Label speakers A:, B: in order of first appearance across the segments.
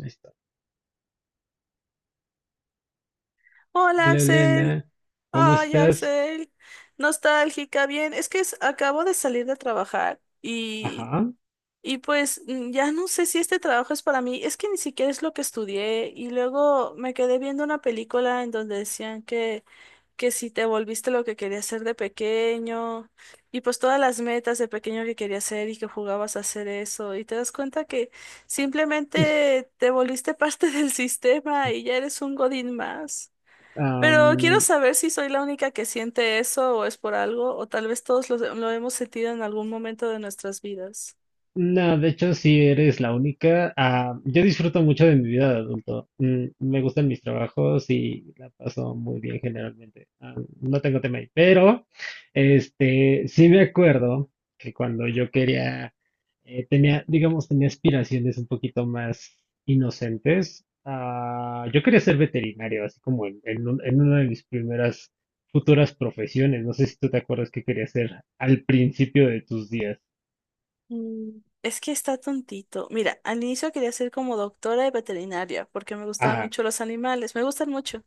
A: Ahí está.
B: Hola
A: Hola
B: Axel,
A: Elena, ¿cómo
B: ay
A: estás?
B: Axel, nostálgica, bien, es que es- acabo de salir de trabajar y,
A: Ajá.
B: y pues ya no sé si este trabajo es para mí, es que ni siquiera es lo que estudié y luego me quedé viendo una película en donde decían que si te volviste lo que querías ser de pequeño y pues todas las metas de pequeño que querías hacer y que jugabas a hacer eso y te das cuenta que simplemente te volviste parte del sistema y ya eres un godín más. Pero quiero saber si soy la única que siente eso o es por algo, o tal vez todos lo hemos sentido en algún momento de nuestras vidas.
A: No, de hecho, sí eres la única. Ah, yo disfruto mucho de mi vida de adulto. Mm, me gustan mis trabajos y la paso muy bien generalmente. No tengo tema ahí. Pero, sí me acuerdo que cuando yo quería, tenía, digamos, tenía aspiraciones un poquito más inocentes. Yo quería ser veterinario, así como en en una de mis primeras futuras profesiones. No sé si tú te acuerdas que quería ser al principio de tus días.
B: Es que está tontito. Mira, al inicio quería ser como doctora de veterinaria porque me gustaban
A: Ajá,
B: mucho los animales, me gustan mucho.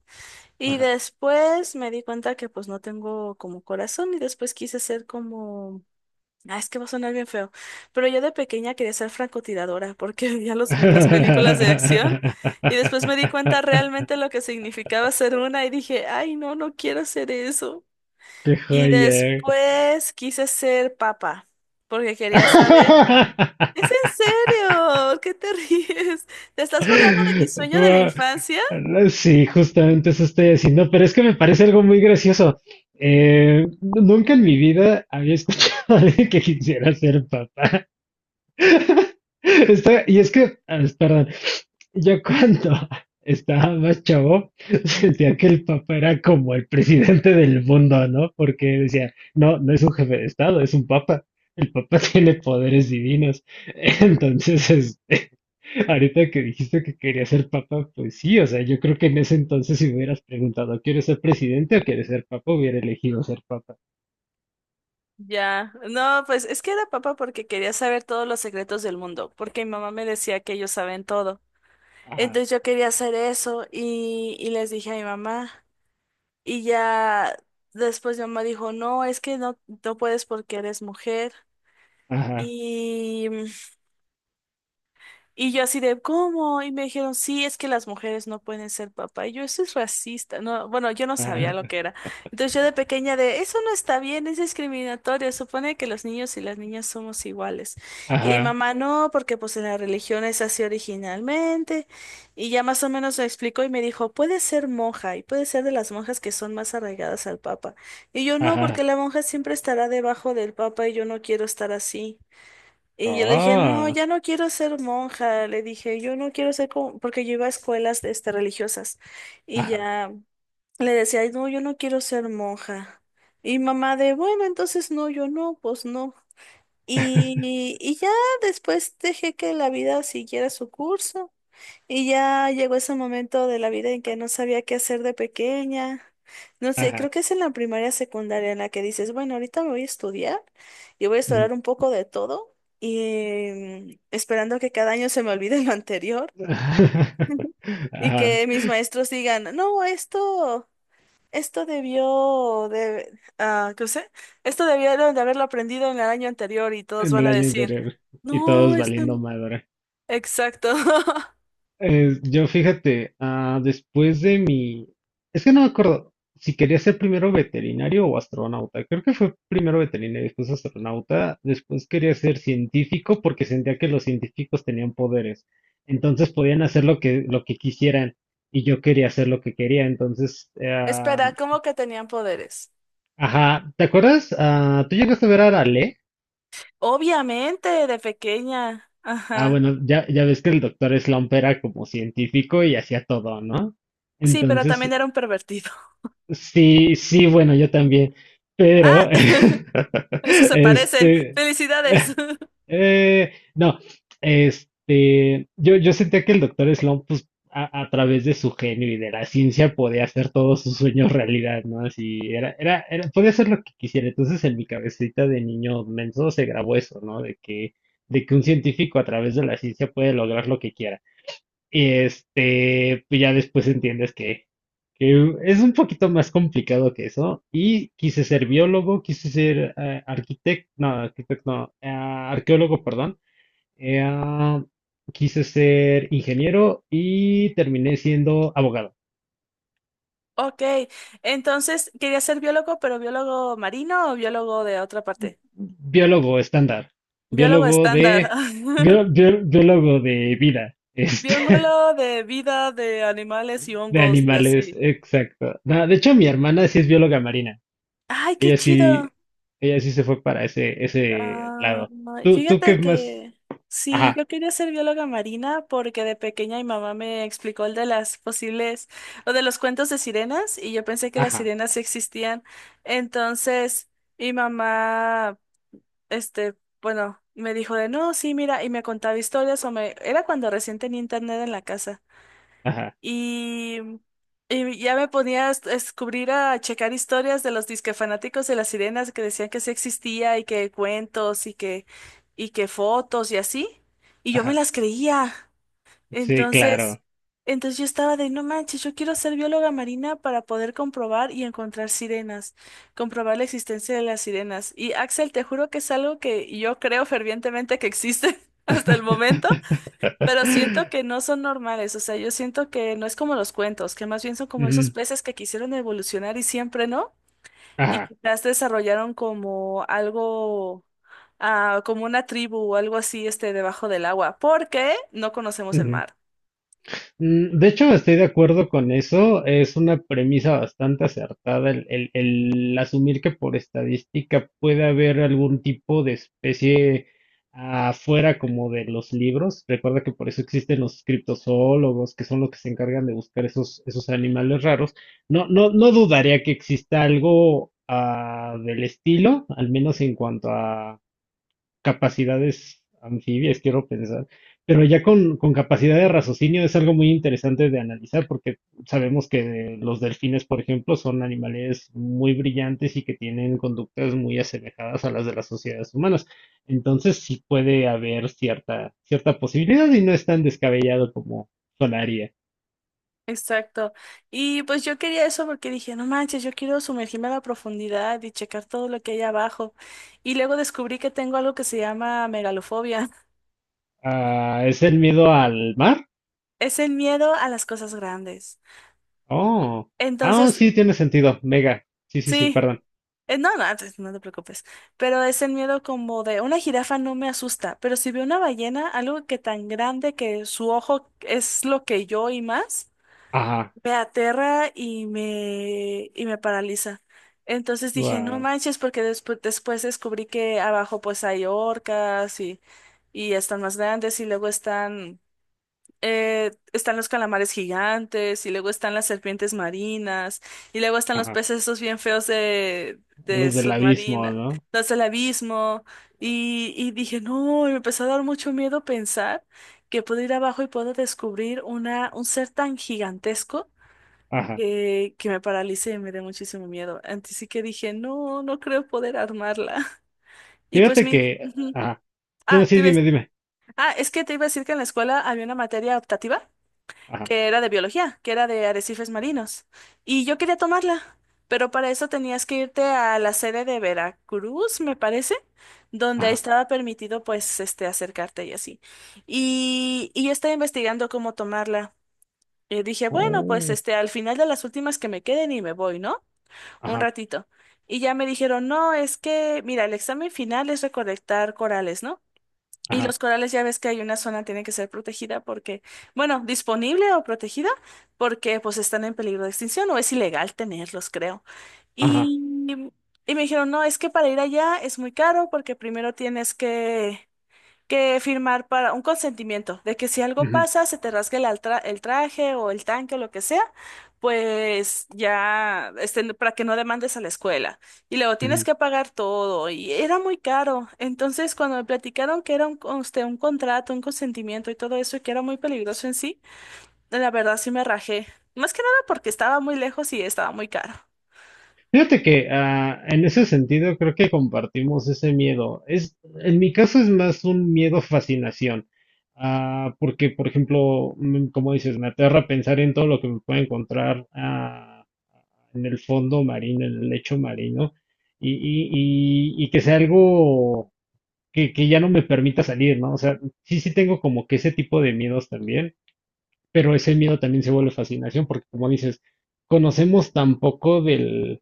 B: Y
A: ajá.
B: después me di cuenta que pues no tengo como corazón y después quise ser como... ah, es que va a sonar bien feo. Pero yo de pequeña quería ser francotiradora porque veía las
A: Qué
B: películas de acción y después me di cuenta realmente lo que significaba ser una y dije, ay, no, no quiero hacer eso. Y
A: joyer.
B: después quise ser papa porque quería saber. ¿Es en serio? ¿Por... qué te ríes? ¿Te estás burlando de mi sueño de la
A: Gua-
B: infancia?
A: Sí, justamente eso estoy haciendo, pero es que me parece algo muy gracioso. Nunca en mi vida había escuchado a alguien que quisiera ser papá. Y es que, perdón. Yo cuando estaba más chavo sentía que el Papa era como el presidente del mundo, ¿no? Porque decía, no, no es un jefe de Estado, es un Papa. El Papa tiene poderes divinos. Entonces, ahorita que dijiste que quería ser Papa, pues sí, o sea, yo creo que en ese entonces si me hubieras preguntado, ¿quieres ser presidente o quieres ser Papa? Hubiera elegido ser Papa.
B: Ya, no, pues es que era papa porque quería saber todos los secretos del mundo, porque mi mamá me decía que ellos saben todo.
A: Ajá,
B: Entonces yo quería hacer eso y les dije a mi mamá y ya después mi mamá dijo, no, es que no, no puedes porque eres mujer.
A: ajá,
B: Y y yo así de, ¿cómo? Y me dijeron, sí, es que las mujeres no pueden ser papá. Y yo, eso es racista. No, bueno, yo no sabía lo
A: ajá,
B: que era. Entonces yo de pequeña de, eso no está bien, es discriminatorio. Supone que los niños y las niñas somos iguales. Y
A: ajá,
B: mamá, no, porque pues en la religión es así originalmente. Y ya más o menos me explicó y me dijo, puede ser monja y puede ser de las monjas que son más arraigadas al papa. Y yo, no, porque
A: ajá.
B: la monja siempre estará debajo del papa y yo no quiero estar así. Y yo le dije, no,
A: Ah,
B: ya no quiero ser monja. Le dije, yo no quiero ser como, porque yo iba a escuelas este, religiosas. Y
A: ajá,
B: ya le decía, "Ay, no, yo no quiero ser monja. Y mamá de, bueno, entonces no, yo no, pues no". Y ya después dejé que la vida siguiera su curso. Y ya llegó ese momento de la vida en que no sabía qué hacer de pequeña. No sé, creo
A: ajá.
B: que es en la primaria secundaria en la que dices, bueno, ahorita me voy a estudiar y voy a
A: Mm.
B: estudiar un poco de todo y esperando que cada año se me olvide lo anterior y
A: Ajá,
B: que mis maestros digan, no, esto debió de, ah, ¿qué sé? Esto debieron de haberlo aprendido en el año anterior y todos
A: en
B: van
A: el
B: a
A: año
B: decir,
A: anterior. Y todos
B: no, esto,
A: valiendo
B: no.
A: madre.
B: Exacto.
A: Yo fíjate, después de mi... Es que no me acuerdo si quería ser primero veterinario o astronauta. Creo que fue primero veterinario, después astronauta. Después quería ser científico porque sentía que los científicos tenían poderes. Entonces podían hacer lo que quisieran. Y yo quería hacer lo que quería. Entonces,
B: Espera, ¿cómo que tenían poderes?
A: ajá. ¿Te acuerdas? Ah, ¿tú llegaste a ver a Ale?
B: Obviamente, de pequeña. Ajá.
A: Bueno, ya ves que el doctor Slump era como científico y hacía todo, ¿no?
B: Sí, pero también
A: Entonces,
B: era un pervertido.
A: sí, sí, bueno, yo también,
B: Ah,
A: pero,
B: eso se parecen.
A: este,
B: Felicidades.
A: No, yo sentía que el doctor Sloan, pues, a través de su genio y de la ciencia, podía hacer todos sus sueños realidad, ¿no? Así, era, podía hacer lo que quisiera. Entonces, en mi cabecita de niño menso se grabó eso, ¿no? De que un científico a través de la ciencia puede lograr lo que quiera. Y este, pues ya después entiendes que es un poquito más complicado que eso. Y quise ser biólogo, quise ser arquitecto, no, arqueólogo, perdón. Eh, ah, quise ser ingeniero y terminé siendo abogado.
B: Ok, entonces quería ser biólogo, pero biólogo marino o biólogo de otra parte.
A: Biólogo estándar,
B: Biólogo
A: biólogo
B: estándar.
A: de, biólogo de vida,
B: Biólogo de vida de animales y
A: de
B: hongos y
A: animales,
B: así.
A: exacto. No, de hecho, mi hermana sí es bióloga marina.
B: Ay, qué
A: Ella
B: chido.
A: sí, ella sí se fue para ese, ese
B: Ah,
A: lado. ¿Tú, tú
B: fíjate
A: qué más?
B: que sí,
A: Ajá,
B: yo quería ser bióloga marina porque de pequeña mi mamá me explicó el de las posibles o de los cuentos de sirenas y yo pensé que las
A: ajá,
B: sirenas sí existían. Entonces, mi mamá, este, bueno, me dijo de no, sí, mira, y me contaba historias o me, era cuando recién tenía internet en la casa.
A: ajá,
B: Y, y ya me ponía a a descubrir, a checar historias de los disque fanáticos de las sirenas que decían que sí existía y que cuentos y que fotos y así. Y yo me
A: ajá.
B: las creía.
A: Sí,
B: Entonces,
A: claro.
B: entonces yo estaba de, no manches, yo quiero ser bióloga marina para poder comprobar y encontrar sirenas, comprobar la existencia de las sirenas. Y Axel, te juro que es algo que yo creo fervientemente que existe hasta el momento. Pero siento que no son normales, o sea, yo siento que no es como los cuentos, que más bien son como esos
A: Ujú,
B: peces que quisieron evolucionar y siempre no, y
A: ajá.
B: quizás desarrollaron como algo, ah, como una tribu o algo así, este, debajo del agua, porque no conocemos el mar.
A: Mm, de hecho, estoy de acuerdo con eso. Es una premisa bastante acertada el asumir que por estadística puede haber algún tipo de especie afuera como de los libros. Recuerda que por eso existen los criptozoólogos, que son los que se encargan de buscar esos, esos animales raros. No, no, no dudaría que exista algo del estilo, al menos en cuanto a capacidades anfibias, quiero pensar, pero ya con capacidad de raciocinio es algo muy interesante de analizar porque sabemos que los delfines, por ejemplo, son animales muy brillantes y que tienen conductas muy asemejadas a las de las sociedades humanas. Entonces sí puede haber cierta, cierta posibilidad y no es tan descabellado como Solaria.
B: Exacto. Y pues yo quería eso porque dije, no manches, yo quiero sumergirme a la profundidad y checar todo lo que hay abajo. Y luego descubrí que tengo algo que se llama megalofobia.
A: Ah, ¿es el miedo al mar?
B: Es el miedo a las cosas grandes.
A: Oh, ah,
B: Entonces,
A: sí, tiene sentido. Mega. Sí, sí, sí,
B: sí.
A: perdón.
B: No, no, antes no te preocupes. Pero es el miedo como de una jirafa no me asusta, pero si veo una ballena, algo que tan grande que su ojo es lo que yo y más,
A: Ajá,
B: me aterra y me paraliza. Entonces dije, no
A: guau,
B: manches, porque después descubrí que abajo pues hay orcas y están más grandes y luego están están los calamares gigantes y luego están las serpientes marinas y luego están los
A: ajá.
B: peces esos bien feos de
A: Los del abismo,
B: submarina,
A: ¿no?
B: los del abismo y dije, no, y me empezó a dar mucho miedo pensar que puedo ir abajo y puedo descubrir una, un ser tan gigantesco
A: Ajá.
B: que me paralice y me dé muchísimo miedo. Antes sí que dije, no, no creo poder armarla. Y pues
A: Fíjate
B: mi...
A: que,
B: ujú.
A: ajá. No,
B: Ah, te
A: sí, dime,
B: ibas-
A: dime.
B: ah, es que te iba a decir que en la escuela había una materia optativa
A: Ajá,
B: que era de biología, que era de arrecifes marinos. Y yo quería tomarla, pero para eso tenías que irte a la sede de Veracruz, me parece, donde
A: ajá.
B: estaba permitido pues este acercarte y así. Y yo estaba investigando cómo tomarla. Y dije, bueno, pues
A: Oh,
B: este, al final de las últimas que me queden y me voy, ¿no? Un
A: ajá,
B: ratito. Y ya me dijeron, no, es que, mira, el examen final es recolectar corales, ¿no? Y
A: ajá,
B: los corales ya ves que hay una zona tiene que ser protegida porque, bueno, disponible o protegida porque pues están en peligro de extinción o es ilegal tenerlos, creo.
A: ajá.
B: Y, y me dijeron, no, es que para ir allá es muy caro porque primero tienes que firmar para un consentimiento de que si algo
A: Ujú,
B: pasa, se te rasgue el traje o el tanque o lo que sea, pues ya, este, no, para que no demandes a la escuela. Y luego tienes
A: ujú.
B: que pagar todo y era muy caro. Entonces, cuando me platicaron que era un, un contrato, un consentimiento y todo eso, y que era muy peligroso en sí, la verdad sí me rajé. Más que nada porque estaba muy lejos y estaba muy caro.
A: Fíjate que en ese sentido creo que compartimos ese miedo. Es, en mi caso es más un miedo fascinación. Porque, por ejemplo, como dices, me aterra pensar en todo lo que me pueda encontrar en el fondo marino, en el lecho marino, y que sea algo que ya no me permita salir, ¿no? O sea, sí, sí tengo como que ese tipo de miedos también, pero ese miedo también se vuelve fascinación porque, como dices, conocemos tan poco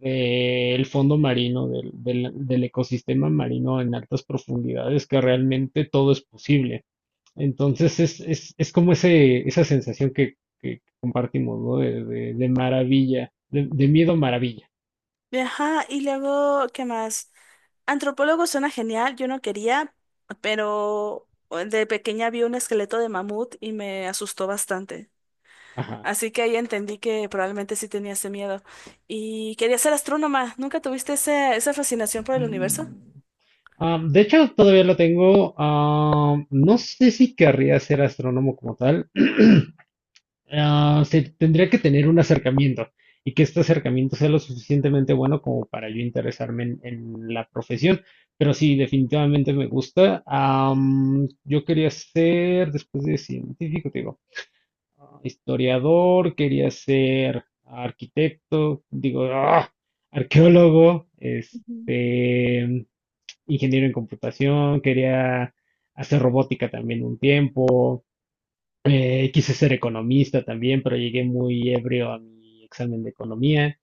A: del fondo marino, del ecosistema marino en altas profundidades, que realmente todo es posible. Entonces es como ese, esa sensación que compartimos, ¿no? De maravilla, de miedo maravilla.
B: Ajá, y luego, ¿qué más? Antropólogo suena genial, yo no quería, pero de pequeña vi un esqueleto de mamut y me asustó bastante.
A: Ajá.
B: Así que ahí entendí que probablemente sí tenía ese miedo. Y quería ser astrónoma. ¿Nunca tuviste esa fascinación por el
A: Mm.
B: universo?
A: Am, de hecho, todavía lo tengo. Am, no sé si querría ser astrónomo como tal. Se tendría que tener un acercamiento y que este acercamiento sea lo suficientemente bueno como para yo interesarme en la profesión. Pero sí, definitivamente me gusta. Am, yo quería ser, después de científico, te digo, historiador, quería ser arquitecto, digo, arqueólogo, ingeniero en computación, quería hacer robótica también un tiempo, quise ser economista también, pero llegué muy ebrio a mi examen de economía.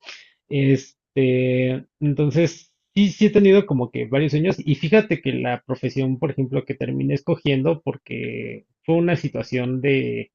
A: Este, entonces, sí, sí he tenido como que varios sueños y fíjate que la profesión, por ejemplo, que terminé escogiendo porque fue una situación de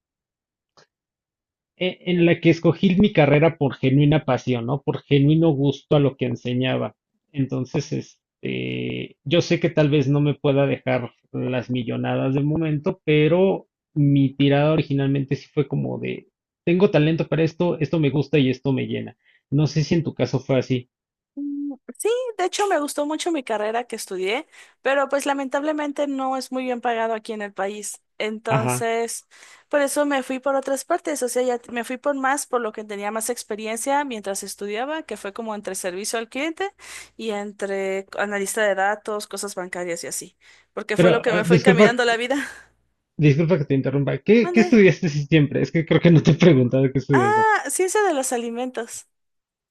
A: en la que escogí mi carrera por genuina pasión, ¿no? Por genuino gusto a lo que enseñaba. Entonces, yo sé que tal vez no me pueda dejar las millonadas de momento, pero mi tirada originalmente sí fue como de, tengo talento para esto, esto me gusta y esto me llena. No sé si en tu caso fue así.
B: Sí, de hecho me gustó mucho mi carrera que estudié, pero pues lamentablemente no es muy bien pagado aquí en el país.
A: Ajá.
B: Entonces, por eso me fui por otras partes, o sea, ya me fui por más, por lo que tenía más experiencia mientras estudiaba, que fue como entre servicio al cliente y entre analista de datos, cosas bancarias y así, porque fue lo
A: Pero
B: que me fue
A: disculpa,
B: encaminando la vida.
A: disculpa que te interrumpa. ¿Qué, qué
B: Mande.
A: estudiaste si siempre? Es que creo que no te he preguntado qué estudiaste.
B: Ah, ciencia de los alimentos.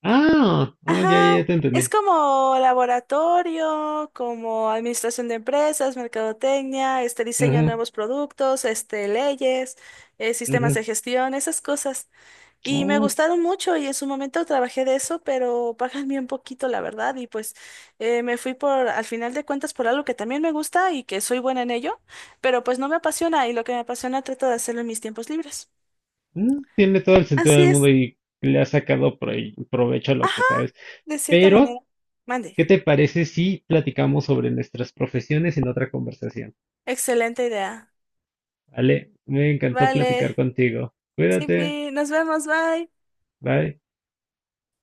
A: Oh, ya, ya,
B: Ajá,
A: ya te
B: es
A: entendí.
B: como laboratorio, como administración de empresas, mercadotecnia, este diseño de
A: Ajá,
B: nuevos productos, este leyes, sistemas de gestión, esas cosas. Y me
A: ajá.
B: gustaron mucho y en su momento trabajé de eso, pero pagan bien poquito, la verdad. Y pues me fui por, al final de cuentas, por algo que también me gusta y que soy buena en ello, pero pues no me apasiona y lo que me apasiona trato de hacerlo en mis tiempos libres.
A: Mm, tiene todo el sentido
B: Así
A: del mundo
B: es.
A: y le ha sacado provecho a lo
B: Ajá,
A: que sabes.
B: de cierta
A: Pero,
B: manera. Mande.
A: ¿qué te parece si platicamos sobre nuestras profesiones en otra conversación?
B: Excelente idea.
A: Vale, me encantó
B: Vale.
A: platicar contigo.
B: Sí,
A: Cuídate,
B: Pi, nos vemos, bye.
A: bye.